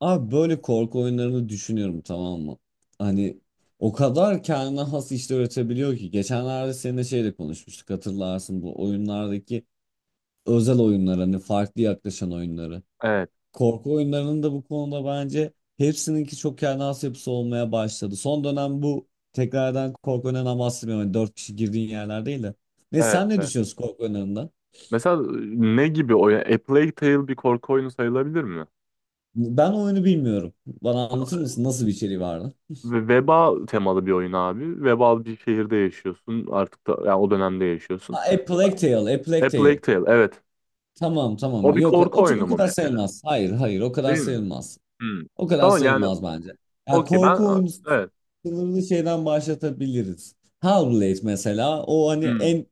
Abi böyle korku oyunlarını düşünüyorum, tamam mı? Hani o kadar kendine has işler üretebiliyor ki. Geçenlerde seninle şeyle konuşmuştuk, hatırlarsın, bu oyunlardaki özel oyunlar, hani farklı yaklaşan oyunları. Evet, Korku oyunlarının da bu konuda bence hepsininki çok kendine has yapısı olmaya başladı. Son dönem bu tekrardan korku oyunlarından bahsetmiyorum. Hani dört kişi girdiğin yerler değil de. Ne evet, sen ne evet. düşünüyorsun korku oyunlarından? Mesela ne gibi oyun? A Plague Tale bir korku oyunu sayılabilir mi? Ben oyunu bilmiyorum. Bana anlatır mısın nasıl bir içeriği vardı? Ve veba temalı bir oyun abi. Vebal bir şehirde yaşıyorsun. Artık da yani o dönemde yaşıyorsun. Ha, A Plague Tale, A A Plague Plague Tale. Tale, evet. Tamam, tamam. O bir Yok, korku o, oyunu o mu kadar mesela? sayılmaz. Hayır, hayır, o kadar Değil mi? sayılmaz. Hmm. O kadar Tamam yani sayılmaz bence. Yani okey ben korku oyunu evet. sınırını şeyden başlatabiliriz. Hellblade mesela, o hani Hmm. en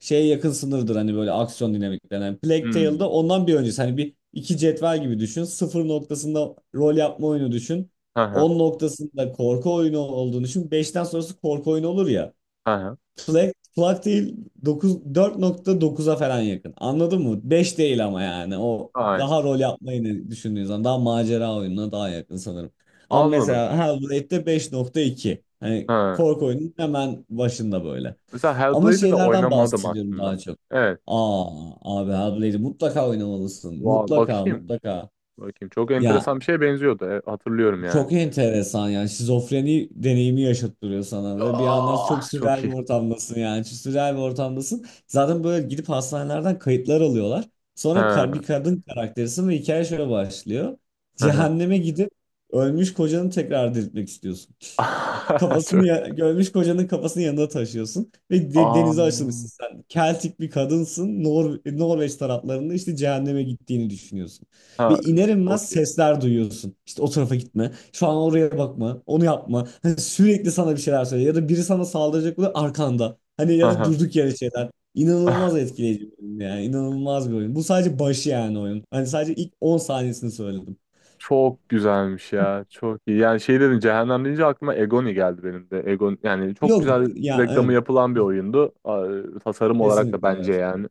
şeye yakın sınırdır, hani böyle aksiyon dinamiklerinden. Plague Tale'da Hmm. ondan bir öncesi, hani bir iki cetvel gibi düşün. Sıfır noktasında rol yapma oyunu düşün. Hı hı. 10 noktasında korku oyunu olduğunu düşün. Beşten sonrası korku oyunu olur ya. Hı hı. Plak, plak değil, dokuz, 4,9'a falan yakın. Anladın mı? Beş değil ama yani. O Aynen. daha rol yapmayı ne düşündüğün zaman daha macera oyununa daha yakın sanırım. Ama Anladım. mesela Hellblade'de 5,2. Hani Ha. korku oyunun hemen başında böyle. Mesela Ama Hellblade'i de şeylerden oynamadım bahsediyorum aslında. daha çok. Evet. Aa, abi, Hellblade'i mutlaka oynamalısın. Vay, Mutlaka bakayım. mutlaka. Bakayım. Çok Ya, enteresan bir şeye benziyordu. E, hatırlıyorum yani. çok enteresan yani, şizofreni deneyimi yaşattırıyor sana ve bir yandan çok Ah, çok sürreal bir iyi. ortamdasın, yani çok sürreal bir ortamdasın. Zaten böyle gidip hastanelerden kayıtlar alıyorlar. Sonra Ha, bir kadın karakterisin ve hikaye şöyle başlıyor. hı hı. Cehenneme gidip ölmüş kocanı tekrar diriltmek istiyorsun. Kafasını Çok. ya- görmüş kocanın kafasını yanında taşıyorsun ve Aa, denize açılmışsın sen. Keltik bir kadınsın. Nor Norveç taraflarında işte cehenneme gittiğini düşünüyorsun. ha, Ve iner inmez okey. sesler duyuyorsun. İşte o tarafa gitme. Şu an oraya bakma. Onu yapma. Hani sürekli sana bir şeyler söylüyor. Ya da biri sana saldıracak oluyor arkanda. Hani Hı ya da hı. durduk yere şeyler. İnanılmaz etkileyici bir oyun yani. İnanılmaz bir oyun. Bu sadece başı yani oyun. Hani sadece ilk 10 saniyesini söyledim. Çok güzelmiş ya. Çok iyi. Yani şey dedim cehennem deyince aklıma Egoni geldi benim de. Egon yani çok Yok güzel ya, reklamı evet. yapılan bir oyundu. Aa, tasarım olarak da Kesinlikle bence evet. yani.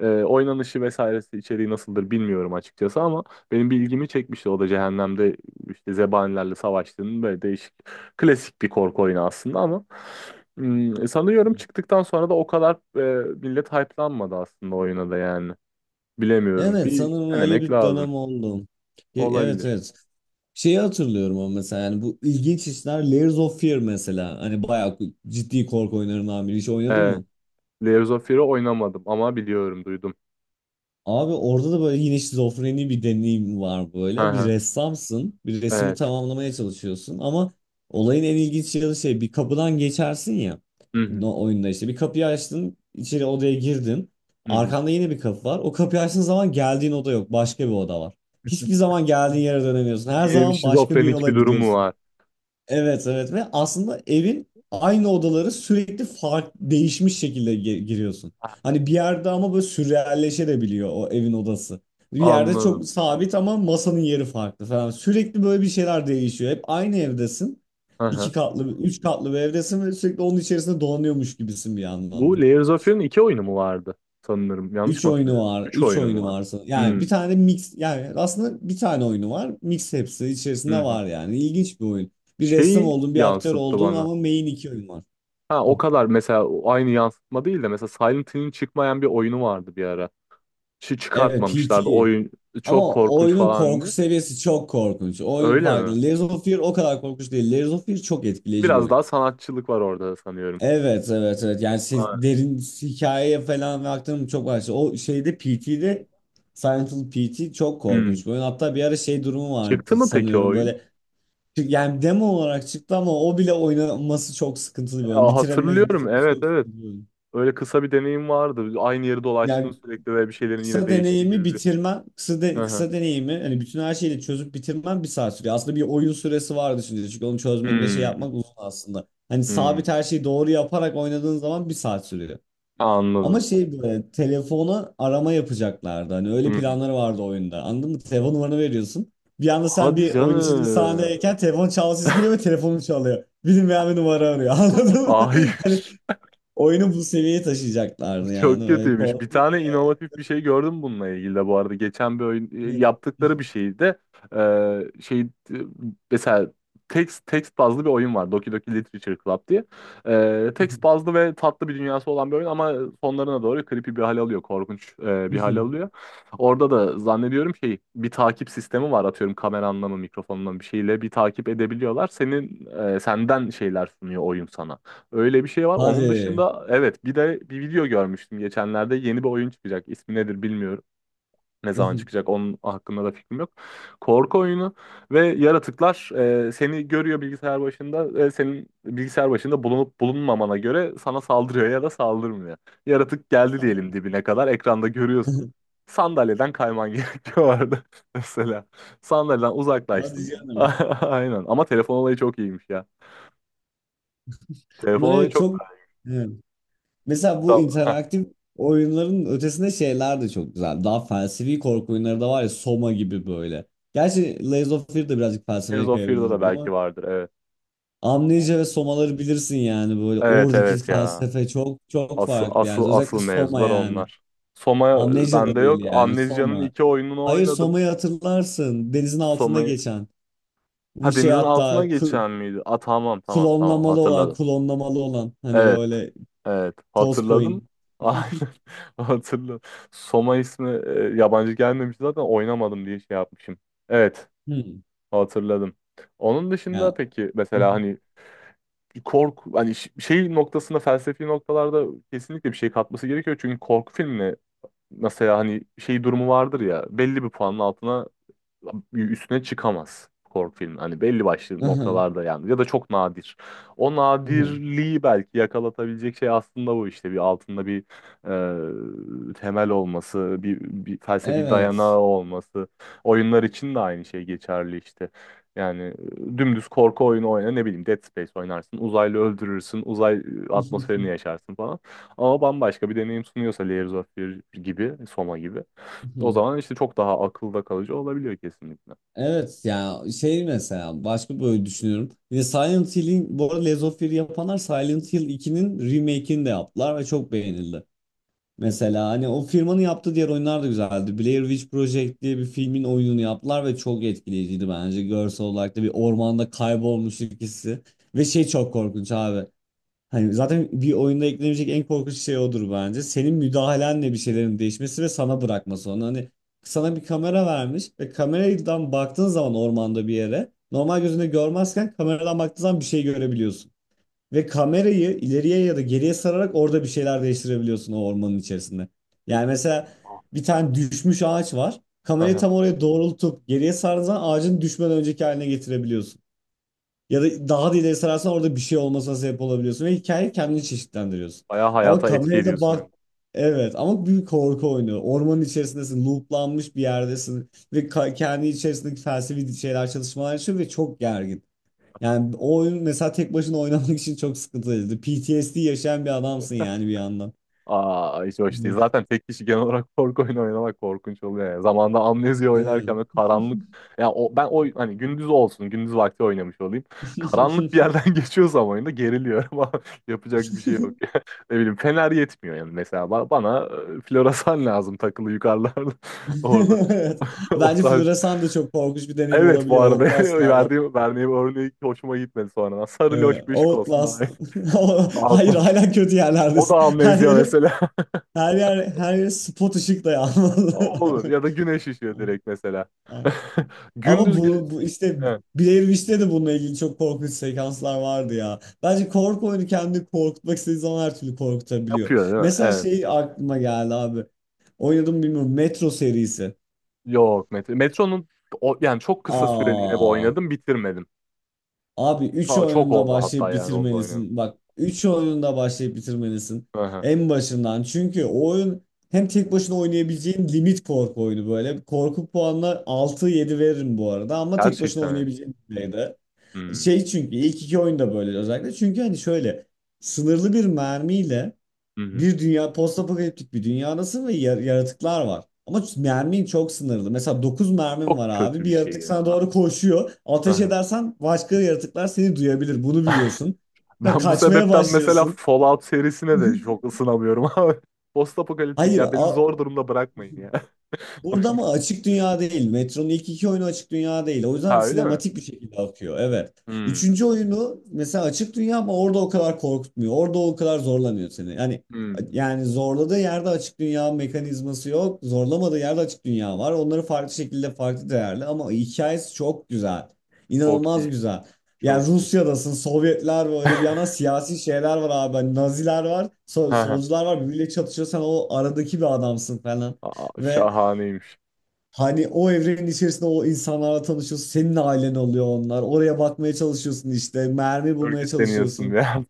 Oynanışı vesairesi içeriği nasıldır bilmiyorum açıkçası ama benim bir ilgimi çekmişti. O da cehennemde işte zebanilerle savaştığının böyle değişik klasik bir korku oyunu aslında ama sanıyorum çıktıktan sonra da o kadar millet hype'lanmadı aslında oyuna da yani. Bilemiyorum. Evet, Bir sanırım öyle denemek bir lazım. dönem oldu. Evet, Olabilir. evet. Şeyi hatırlıyorum ama mesela yani bu ilginç işler, Layers of Fear mesela. Hani bayağı ciddi korku oyunlarından biri. Hiç oynadın Evet. mı? Layers of Fear'ı oynamadım ama biliyorum, duydum. Abi, orada da böyle yine şizofreni bir deneyim var Hı böyle. Bir hı. ressamsın, bir resmi Evet. tamamlamaya çalışıyorsun ama olayın en ilginç yanı şey, bir kapıdan geçersin ya, Hı hı. Oyunda işte bir kapıyı açtın, içeri odaya girdin. Hı hı. Arkanda yine bir kapı var. O kapıyı açtığın zaman geldiğin oda yok, başka bir oda var. Hiçbir zaman geldiğin yere dönemiyorsun. Her Yine bir zaman başka bir şizofrenik yola bir durum mu gidiyorsun. var? Evet, evet, ve aslında evin aynı odaları sürekli farklı değişmiş şekilde giriyorsun. Ha, Hani bir yerde ama böyle sürrealleşebiliyor o evin odası. Bir yerde çok anladım. sabit ama masanın yeri farklı falan. Sürekli böyle bir şeyler değişiyor. Hep aynı evdesin. Hı İki hı. katlı, üç katlı bir evdesin ve sürekli onun içerisinde dolanıyormuş gibisin bir anlamda. Bu Layers of Fear'ın iki oyunu mu vardı? Sanırım. Yanlış Üç mı oyunu hatırlıyorum? var. Üç Üç oyunu mu oyunu var? varsa. Yani bir Hı. tane mix, yani aslında bir tane oyunu var. Mix hepsi Hı içerisinde hı. var yani. İlginç bir oyun. Bir ressam Şeyi olduğun, bir aktör yansıttı olduğun, bana. ama main iki oyun var. Ha, o Hı. kadar mesela o aynı yansıtma değil de mesela Silent Hill'in çıkmayan bir oyunu vardı bir ara. Şu Evet, çıkartmamışlardı. PT. Oyun çok Ama korkunç oyunun falan korku diye. seviyesi çok korkunç. Oyun Öyle mi? farklı. Layers of Fear o kadar korkunç değil. Layers of Fear çok etkileyici bir Biraz oyun. daha sanatçılık var orada sanıyorum. Evet, evet, evet, yani derin hikayeye falan ve aktarım çok var. O şeyde PT'de, Silent Hill PT çok Aynen. korkunç bir oyun. Hatta bir ara şey durumu Çıktı vardı mı peki o sanıyorum oyun? böyle. Yani demo olarak çıktı ama o bile oynanması çok sıkıntılı bir oyun. Aa, Bitiremez, hatırlıyorum. bitirmesi Evet, çok evet. sıkıntılı bir oyun. Öyle kısa bir deneyim vardı. Aynı yeri dolaştın Yani sürekli ve bir şeylerin yine kısa değiştiği deneyimi gibi bir. bitirmen, kısa, Hı hı. kısa deneyimi hani bütün her şeyi de çözüp bitirmen bir saat sürüyor. Aslında bir oyun süresi var, düşünce çünkü onu çözmek ve şey Hmm, yapmak uzun aslında. Hani sabit hmm. her şeyi doğru yaparak oynadığın zaman bir saat sürüyor. Ama Anladım. şey, böyle telefona arama yapacaklardı. Hani öyle Hı hı. planları vardı oyunda. Anladın mı? Telefon numaranı veriyorsun. Bir anda sen Hadi bir oyun içinde bir canım. sahnedeyken telefon çalsız geliyor ve telefonun çalıyor. Bilinmeyen bir numara arıyor. Anladın mı? Hayır. Hani oyunu bu seviyeye taşıyacaklardı yani. Çok Öyle kötüymüş. Bir korkunç tane ya. inovatif bir şey gördüm bununla ilgili de bu arada. Geçen bir oyun yaptıkları bir şeydi. Şey, mesela text bazlı bir oyun var. Doki Doki Literature Club diye. Text bazlı ve tatlı bir dünyası olan bir oyun ama sonlarına doğru creepy bir hal alıyor. Korkunç, bir hal alıyor. Orada da zannediyorum şey bir takip sistemi var. Atıyorum kameranla mı mikrofonla mı bir şeyle bir takip edebiliyorlar. Senden şeyler sunuyor oyun sana. Öyle bir şey var. Onun Hadi. dışında evet bir de bir video görmüştüm geçenlerde. Yeni bir oyun çıkacak. İsmi nedir bilmiyorum. Ne zaman çıkacak onun hakkında da fikrim yok. Korku oyunu ve yaratıklar seni görüyor bilgisayar başında. Senin bilgisayar başında bulunup bulunmamana göre sana saldırıyor ya da saldırmıyor. Yaratık geldi diyelim dibine kadar. Ekranda görüyorsun. Sandalyeden kayman gerekiyor orada mesela. Sandalyeden Hadi uzaklaştın. canım. Aynen. Ama telefon olayı çok iyiymiş ya. Telefon Bunlar olayı evet çok... çok. Mesela bu interaktif oyunların ötesinde şeyler de çok güzel. Daha felsefi korku oyunları da var ya, Soma gibi böyle. Gerçi Lies of Fear de birazcık Tears felsefeye of Fear'da da kayabilirim belki ama vardır. Evet. Amnesia ve Amnesia. Soma'ları bilirsin yani, böyle Evet, oradaki evet ya. felsefe çok çok Asıl, farklı asıl, yani, özellikle asıl Soma mevzular yani. onlar. Soma, Amnesia bende da değil yok. yani, Amnesia'nın Soma. iki oyununu Hayır, oynadım. Soma'yı hatırlarsın, denizin altında Soma'yı. geçen. Bu Ha, şey, denizin altına hatta geçen miydi? Aa, tamam, tamam, tamam, klonlamalı olan hatırladım. klonlamalı olan hani Evet. böyle Evet, toz hatırladım. coin. Aynen, hatırladım. Soma ismi yabancı gelmemiş zaten oynamadım diye şey yapmışım. Evet, Hmm. hatırladım. Onun dışında Ya. peki mesela hani korku hani şey noktasında, felsefi noktalarda kesinlikle bir şey katması gerekiyor. Çünkü korku filmi mesela hani şey durumu vardır ya, belli bir puanın altına üstüne çıkamaz korku filmi. Hani belli başlı noktalarda yani, ya da çok nadir. O Aha, nadirliği belki yakalatabilecek şey aslında bu işte, bir altında bir temel olması, bir, felsefi dayanağı evet. olması. Oyunlar için de aynı şey geçerli işte. Yani dümdüz korku oyunu oyna, ne bileyim Dead Space oynarsın, uzaylı öldürürsün, uzay atmosferini yaşarsın falan. Ama bambaşka bir deneyim sunuyorsa Layers of Fear gibi, Soma gibi. O zaman işte çok daha akılda kalıcı olabiliyor kesinlikle. Evet ya, şey, mesela başka böyle düşünüyorum. Yine Silent Hill'in bu arada, Lies of Fear'ı yapanlar Silent Hill 2'nin remake'ini de yaptılar ve çok beğenildi. Mesela hani o firmanın yaptığı diğer oyunlar da güzeldi. Blair Witch Project diye bir filmin oyununu yaptılar ve çok etkileyiciydi bence. Görsel olarak da bir ormanda kaybolmuş ikisi. Ve şey, çok korkunç abi. Hani zaten bir oyunda eklenecek en korkunç şey odur bence. Senin müdahalenle bir şeylerin değişmesi ve sana bırakması onu. Hani sana bir kamera vermiş ve kameradan baktığın zaman ormanda bir yere normal gözünde görmezken kameradan baktığın zaman bir şey görebiliyorsun. Ve kamerayı ileriye ya da geriye sararak orada bir şeyler değiştirebiliyorsun o ormanın içerisinde. Değil Yani mi? mesela Aa. bir tane düşmüş ağaç var. Kamerayı Aha. tam oraya doğrultup geriye sardığın zaman ağacın düşmeden önceki haline getirebiliyorsun. Ya da daha da ileri sararsan orada bir şey olmasına sebep olabiliyorsun ve hikayeyi kendini çeşitlendiriyorsun. Bayağı Ama hayata etki kamerayla ediyorsun bak. oyunu. Evet, ama bir korku oyunu. Ormanın içerisindesin, looplanmış bir yerdesin ve kendi içerisindeki felsefi şeyler çalışmalar için ve çok gergin. Yani o oyun mesela tek başına oynamak için çok sıkıntılıydı. PTSD yaşayan bir adamsın yani bir yandan. Aa, hiç hoş değil. Of. Zaten tek kişi genel olarak korku oyunu oynamak korkunç oluyor yani. Zamanında Amnesia oynarken Evet. böyle karanlık. Ya, o, ben o hani gündüz olsun, gündüz vakti oynamış olayım. Karanlık bir yerden geçiyorsam oyunda geriliyorum ama yapacak bir şey yok. Ne bileyim fener yetmiyor yani mesela. Bana floresan lazım takılı yukarılarda. Orada Evet. o Bence tarz. floresan da çok korkunç bir deneyim Evet, bu olabiliyor arada Outlast'lardan. verdiğim örneği hoşuma gitmedi sonradan. Sarı loş bir ışık olsun daha iyi. Outlast. Hayır, Altın. hala kötü O da yerlerdesin. Her amnezya yeri mesela. her yer her yeri spot ışık da Olur. yanmadı. Ya da güneş ışığı direkt mesela. Ama Gündüz ge- bu işte evet, Blair Witch'te de bununla ilgili çok korkunç sekanslar vardı ya. Bence korku oyunu kendini korkutmak istediği zaman her türlü korkutabiliyor. yapıyor değil mi? Mesela Evet. şey aklıma geldi abi. Oynadım mı bilmiyorum. Metro serisi. Yok, metro. Metronun o, yani çok kısa süreliğine bir Aa. oynadım, bitirmedim. Abi 3 Çok oyununda oldu hatta, başlayıp yani onu da oynadım. bitirmelisin. Bak 3 oyununda başlayıp bitirmelisin. Aha. En başından. Çünkü o oyun hem tek başına oynayabileceğin limit korku oyunu böyle. Korku puanına 6-7 veririm bu arada ama tek başına Gerçekten yani. oynayabileceğin düzeyde. Hmm. Şey, çünkü ilk iki oyunda böyle özellikle. Çünkü hani şöyle sınırlı bir mermiyle, Hı hı. bir dünya, postapokaliptik bir dünyadasın ve yaratıklar var. Ama mermin çok sınırlı. Mesela 9 mermin var Çok abi. kötü Bir bir şey yaratık sana ya. doğru koşuyor. Ateş Aha. edersen başka yaratıklar seni duyabilir. Bunu biliyorsun. Ben bu Kaçmaya sebepten mesela başlıyorsun. Fallout serisine de çok ısınamıyorum abi. Postapokaliptik Hayır. ya, beni zor durumda bırakmayın ya. Burada mı açık dünya değil. Metro'nun ilk iki oyunu açık dünya değil. O yüzden Ha, öyle mi? sinematik bir şekilde akıyor. Evet. Hmm. Üçüncü oyunu mesela açık dünya ama orada o kadar korkutmuyor. Orada o kadar zorlamıyor seni. Yani Hmm. yani zorladığı yerde açık dünya mekanizması yok. Zorlamadığı yerde açık dünya var. Onları farklı şekilde farklı değerli ama hikayesi çok güzel. Çok İnanılmaz iyi. güzel. Çok Yani iyi. Rusya'dasın, Sovyetler böyle bir yana, siyasi şeyler var abi. Hani Naziler var, Ha, ha. solcular var. Birbiriyle çatışıyor. Sen o aradaki bir adamsın falan. Aa, Ve şahaneymiş. hani o evrenin içerisinde o insanlarla tanışıyorsun. Senin ailen oluyor onlar. Oraya bakmaya çalışıyorsun işte. Mermi bulmaya Örgütleniyorsun çalışıyorsun. ya.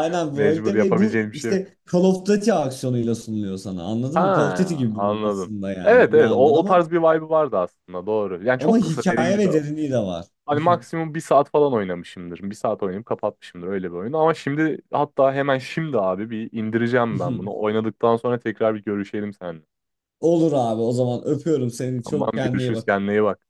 Mecbur, böyle ve bu yapabileceğin bir şey yok. işte Call of Duty aksiyonuyla sunuluyor sana. Ha, Anladın mı? Call of Duty gibi bir oyun anladım. aslında yani Evet, bir evet, yandan o ama tarz bir vibe vardı aslında, doğru. Yani ama çok kısa dediğin hikaye gibi ve derinliği de var. hani maksimum 1 saat falan oynamışımdır. 1 saat oynayıp kapatmışımdır öyle bir oyun. Ama şimdi, hatta hemen şimdi abi bir indireceğim ben bunu. Oynadıktan sonra tekrar bir görüşelim seninle. Olur abi, o zaman öpüyorum seni. Tamam, Çok kendine iyi görüşürüz, bak. kendine iyi bak.